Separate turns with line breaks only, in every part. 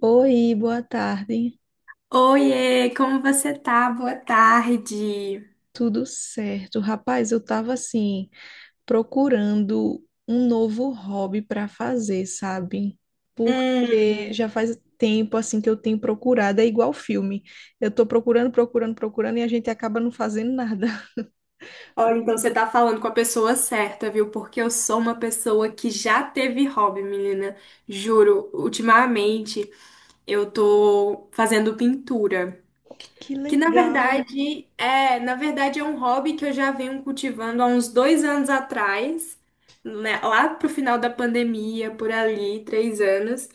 Oi, boa tarde.
Oiê, como você tá? Boa tarde.
Tudo certo? Rapaz, eu tava assim, procurando um novo hobby para fazer, sabe? Porque
Hum,
já faz tempo assim que eu tenho procurado, é igual filme. Eu tô procurando, procurando, procurando e a gente acaba não fazendo nada.
olha, então você tá falando com a pessoa certa, viu? Porque eu sou uma pessoa que já teve hobby, menina. Juro, ultimamente eu tô fazendo pintura,
Que
que na
legal.
verdade é, na verdade é um hobby que eu já venho cultivando há uns 2 anos atrás, né? Lá pro final da pandemia, por ali, 3 anos.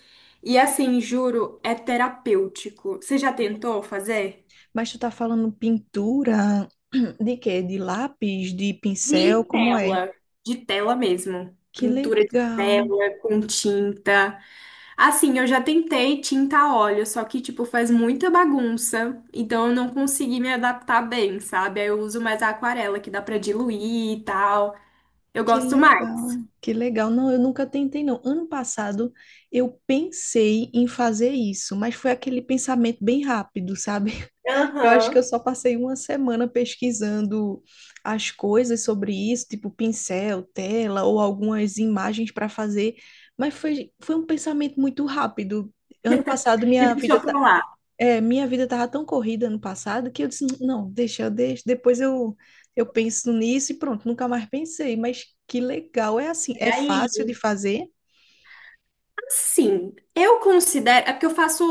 E assim, juro, é terapêutico. Você já tentou fazer?
Mas tu tá falando pintura de quê? De lápis, de pincel,
De
como é?
tela, de tela mesmo.
Que
Pintura de
legal.
tela com tinta. Assim, eu já tentei tinta a óleo, só que, tipo, faz muita bagunça. Então eu não consegui me adaptar bem, sabe? Aí eu uso mais a aquarela, que dá pra diluir e tal. Eu
Que
gosto mais.
legal, que legal. Não, eu nunca tentei, não. Ano passado eu pensei em fazer isso, mas foi aquele pensamento bem rápido, sabe? Eu acho que eu
Aham.
só passei uma semana pesquisando as coisas sobre isso, tipo pincel, tela ou algumas imagens para fazer, mas foi um pensamento muito rápido. Ano passado
E deixa eu falar.
minha vida tava tão corrida ano passado que eu disse, não, deixa, eu deixo, depois eu penso nisso e pronto, nunca mais pensei, mas que legal, é assim, é fácil de fazer?
Sim, eu considero. É porque eu faço.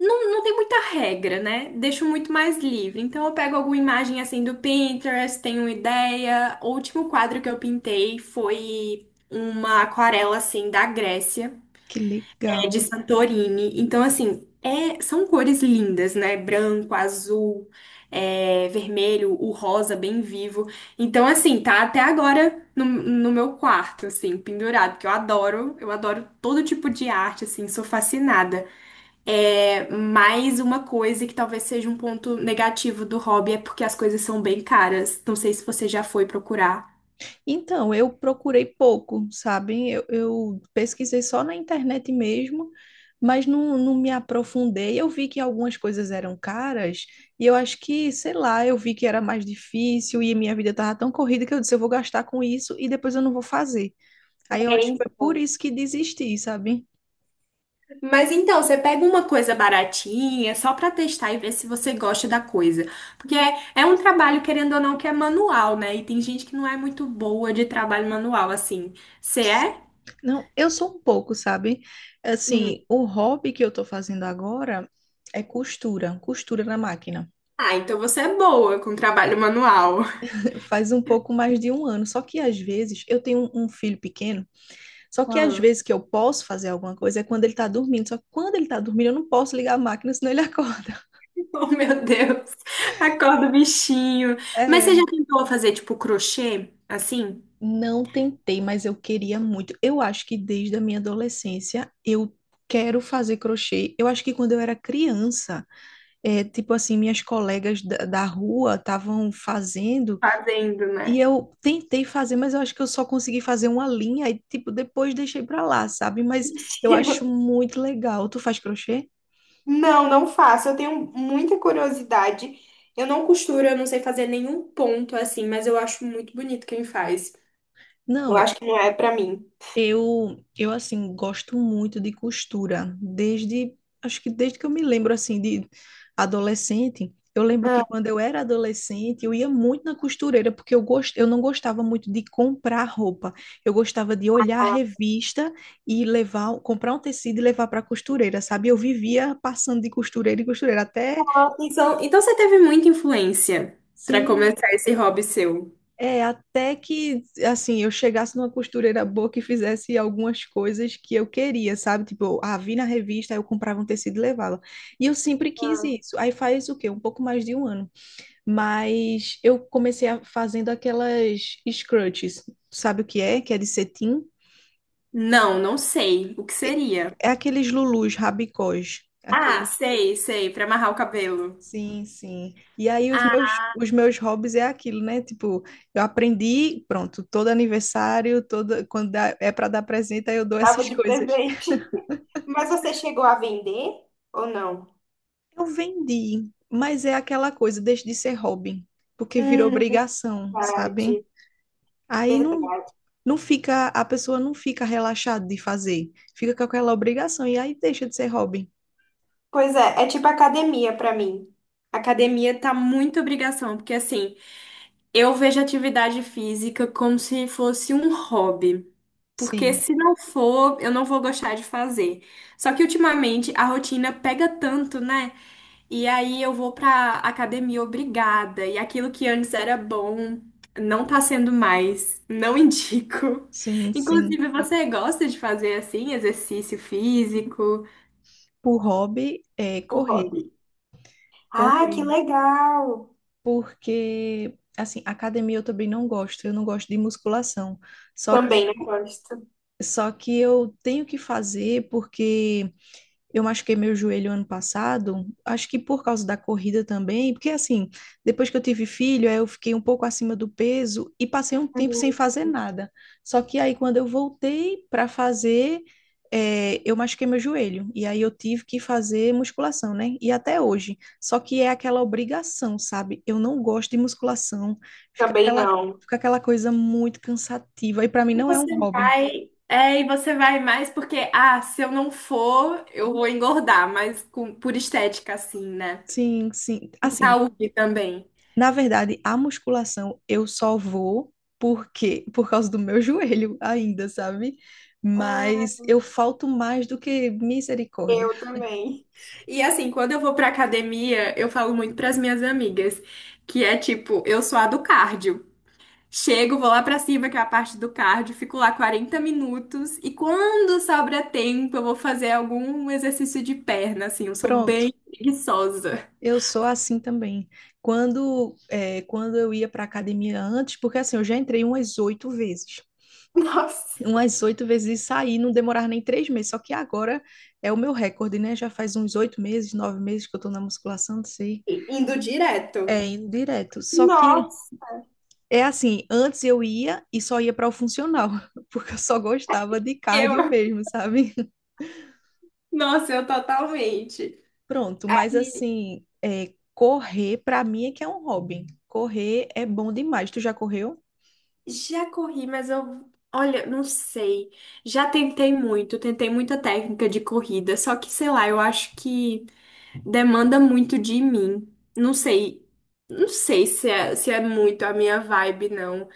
Não, não tem muita regra, né? Deixo muito mais livre. Então eu pego alguma imagem assim do Pinterest, tenho uma ideia. O último quadro que eu pintei foi uma aquarela assim da Grécia,
Que
é
legal.
de Santorini. Então, assim, são cores lindas, né? Branco, azul, é, vermelho, o rosa bem vivo. Então, assim, tá até agora no meu quarto, assim, pendurado, que eu adoro todo tipo de arte, assim, sou fascinada. É, mais uma coisa que talvez seja um ponto negativo do hobby é porque as coisas são bem caras. Não sei se você já foi procurar.
Então, eu procurei pouco, sabe? Eu pesquisei só na internet mesmo, mas não me aprofundei. Eu vi que algumas coisas eram caras e eu acho que, sei lá, eu vi que era mais difícil e minha vida tava tão corrida que eu disse, eu vou gastar com isso e depois eu não vou fazer. Aí eu
É,
acho que foi por
então.
isso que desisti, sabe?
Mas então, você pega uma coisa baratinha, só pra testar e ver se você gosta da coisa. Porque é, é um trabalho, querendo ou não, que é manual, né? E tem gente que não é muito boa de trabalho manual, assim. Você é?
Não, eu sou um pouco, sabe?
Hum.
Assim, o hobby que eu tô fazendo agora é costura, costura na máquina.
Ah, então você é boa com trabalho manual.
Faz um pouco mais de um ano. Só que às vezes eu tenho um filho pequeno, só que às
Ah.
vezes que eu posso fazer alguma coisa é quando ele tá dormindo. Só que quando ele tá dormindo, eu não posso ligar a máquina, senão ele acorda.
Oh, meu Deus. Acorda o bichinho. Mas
É,
você já tentou fazer, tipo, crochê? Assim?
não tentei, mas eu queria muito. Eu acho que desde a minha adolescência eu quero fazer crochê. Eu acho que quando eu era criança. Tipo assim, minhas colegas da rua estavam fazendo
Fazendo,
e
né?
eu tentei fazer, mas eu acho que eu só consegui fazer uma linha e, tipo, depois deixei pra lá, sabe? Mas eu acho muito legal. Tu faz crochê?
Não, não faço. Eu tenho muita curiosidade. Eu não costuro, eu não sei fazer nenhum ponto assim, mas eu acho muito bonito quem faz. Eu
Não,
acho que não é pra mim.
eu assim, gosto muito de costura, desde, acho que desde que eu me lembro, assim, de adolescente. Eu lembro que
Ah,
quando eu era adolescente, eu ia muito na costureira, porque eu, gost... eu não gostava muito de comprar roupa. Eu gostava de olhar a revista e levar, comprar um tecido e levar para a costureira, sabe? Eu vivia passando de costureira em costureira, até,
Ah, então você teve muita influência pra
sim.
começar esse hobby seu?
É, até que, assim, eu chegasse numa costureira boa que fizesse algumas coisas que eu queria, sabe? Tipo, ah, vi na revista, aí eu comprava um tecido e levava. E eu sempre quis isso. Aí faz o quê? Um pouco mais de um ano. Mas eu comecei fazendo aquelas scrunchies. Sabe o que é? Que é de cetim.
Não, não sei. O que seria?
É aqueles lulus, rabicós.
Ah,
Aqueles.
sei, sei, pra amarrar o cabelo.
Sim, sim. E aí
Ah,
os meus hobbies é aquilo, né? Tipo, eu aprendi, pronto, todo aniversário, todo quando dá- é para dar presente, aí eu dou essas
tava de
coisas.
presente. mas você chegou a vender ou não?
Eu vendi, mas é aquela coisa, deixa de ser hobby, porque virou
Hum,
obrigação, sabe?
verdade,
Aí não
verdade.
não fica, a pessoa não fica relaxada de fazer, fica com aquela obrigação e aí deixa de ser hobby.
Pois é, é tipo academia pra mim. Academia tá muito obrigação, porque assim, eu vejo atividade física como se fosse um hobby. Porque
Sim,
se não for, eu não vou gostar de fazer. Só que ultimamente a rotina pega tanto, né? E aí eu vou pra academia obrigada. E aquilo que antes era bom não tá sendo mais. Não indico.
sim, sim.
Inclusive, você gosta de fazer assim, exercício físico?
O hobby é
Por
correr,
hobby. Ah, que
correr.
legal!
Porque assim, academia eu também não gosto, eu não gosto de musculação. Só
Também não
que
gosto.
só que eu tenho que fazer porque eu machuquei meu joelho ano passado, acho que por causa da corrida também, porque assim, depois que eu tive filho, aí eu fiquei um pouco acima do peso e passei um tempo sem fazer nada. Só que aí quando eu voltei para fazer, eu machuquei meu joelho e aí eu tive que fazer musculação, né? E até hoje. Só que é aquela obrigação, sabe? Eu não gosto de musculação, fica
Também
aquela,
não.
fica aquela coisa muito cansativa e para mim
E
não é um
você
hobby.
vai, é, e você vai mais porque, ah, se eu não for, eu vou engordar, mas por estética, assim, né?
Sim, sim.
Por
Assim,
saúde também.
na verdade, a musculação eu só vou porque por causa do meu joelho ainda, sabe? Mas
Hum,
eu falto mais do que misericórdia.
eu também. E assim, quando eu vou pra academia, eu falo muito pras minhas amigas, que é tipo, eu sou a do cardio. Chego, vou lá pra cima, que é a parte do cardio, fico lá 40 minutos e quando sobra tempo, eu vou fazer algum exercício de perna, assim, eu sou
Pronto.
bem preguiçosa.
Eu sou assim também. Quando, é, quando eu ia para academia antes, porque assim, eu já entrei umas oito vezes.
Nossa,
Umas oito vezes e saí, não demorava nem 3 meses. Só que agora é o meu recorde, né? Já faz uns 8 meses, 9 meses que eu tô na musculação, não sei.
indo direto.
É, indo direto. Só que
nossa,
é assim, antes eu ia e só ia para o funcional, porque eu só gostava de
eu,
cardio mesmo, sabe?
nossa, eu totalmente.
Pronto, mas
E
assim, correr para mim é que é um hobby. Correr é bom demais. Tu já correu?
já corri, mas eu, olha, não sei. Já tentei muito, tentei muita técnica de corrida, só que, sei lá, eu acho que demanda muito de mim. Não sei, não sei se é muito a minha vibe, não.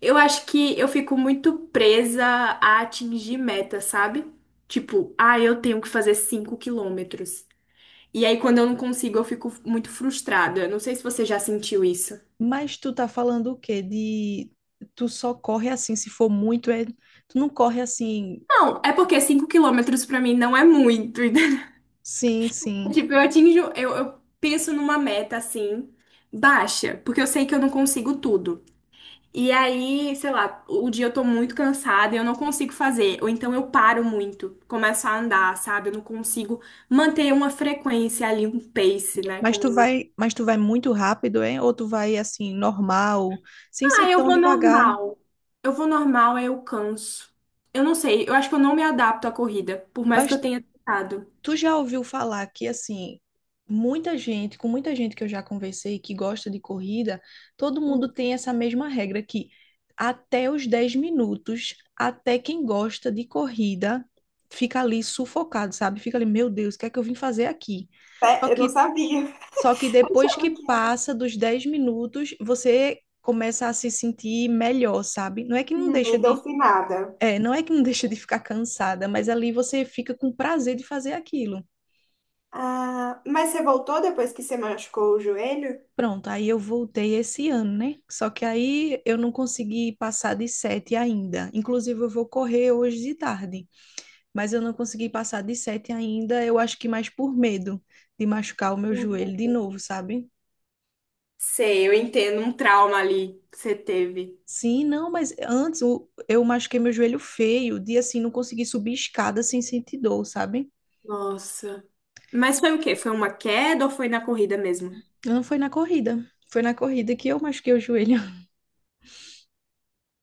Eu acho que eu fico muito presa a atingir meta, sabe? Tipo, ah, eu tenho que fazer 5 quilômetros. E aí, quando eu não consigo, eu fico muito frustrada. Eu não sei se você já sentiu isso.
Mas tu tá falando o quê? De Tu só corre assim, se for muito, é... tu não corre assim.
Não, é porque 5 quilômetros pra mim não é muito. Entendeu?
Sim, sim.
Tipo, eu atinjo, eu penso numa meta assim, baixa, porque eu sei que eu não consigo tudo. E aí, sei lá, o dia eu tô muito cansada e eu não consigo fazer. Ou então eu paro muito, começo a andar, sabe? Eu não consigo manter uma frequência ali, um pace, né? Como?
Mas tu vai muito rápido, é? Ou tu vai assim normal, sem ser
Ah, eu
tão
vou
devagar?
normal. Eu vou normal, aí eu canso. Eu não sei, eu acho que eu não me adapto à corrida, por mais que eu
Mas
tenha tentado.
tu já ouviu falar que, assim, muita gente, com muita gente que eu já conversei que gosta de corrida, todo mundo tem essa mesma regra que até os 10 minutos, até quem gosta de corrida fica ali sufocado, sabe? Fica ali, meu Deus, o que é que eu vim fazer aqui? Só
É, eu não
que,
sabia.
só que depois que
Achava que era
passa dos 10 minutos, você começa a se sentir melhor, sabe?
endorfinada.
Não é que não deixa de ficar cansada, mas ali você fica com prazer de fazer aquilo.
Ah, mas você voltou depois que você machucou o joelho?
Pronto, aí eu voltei esse ano, né? Só que aí eu não consegui passar de sete ainda. Inclusive, eu vou correr hoje de tarde, mas eu não consegui passar de sete ainda. Eu acho que mais por medo de machucar o meu joelho de
Uhum.
novo, sabe?
Sei, eu entendo um trauma ali que você teve.
Sim, não, mas antes eu machuquei meu joelho feio, de assim, não consegui subir escada sem sentir dor, sabe?
Nossa. Mas foi o quê? Foi uma queda ou foi na corrida mesmo?
Não foi na corrida. Foi na corrida que eu machuquei o joelho.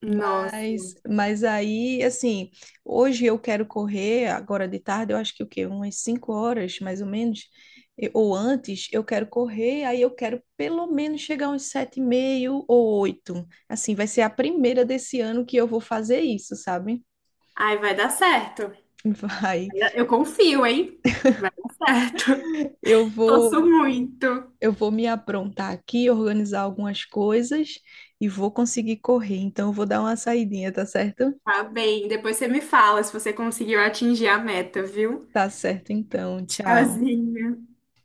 Nossa.
Mas aí, assim, hoje eu quero correr, agora de tarde, eu acho que o quê? Umas 5 horas, mais ou menos, e- ou antes, eu quero correr, aí eu quero pelo menos chegar uns sete e meio ou oito. Assim, vai ser a primeira desse ano que eu vou fazer isso, sabe?
Ai, vai dar certo.
Vai.
Eu confio, hein? Vai dar certo.
Eu
Torço
vou,
muito.
eu vou me aprontar aqui, organizar algumas coisas e vou conseguir correr. Então, eu vou dar uma saidinha, tá certo?
Tá bem, depois você me fala se você conseguiu atingir a meta, viu?
Tá certo, então. Tchau.
Tchauzinho.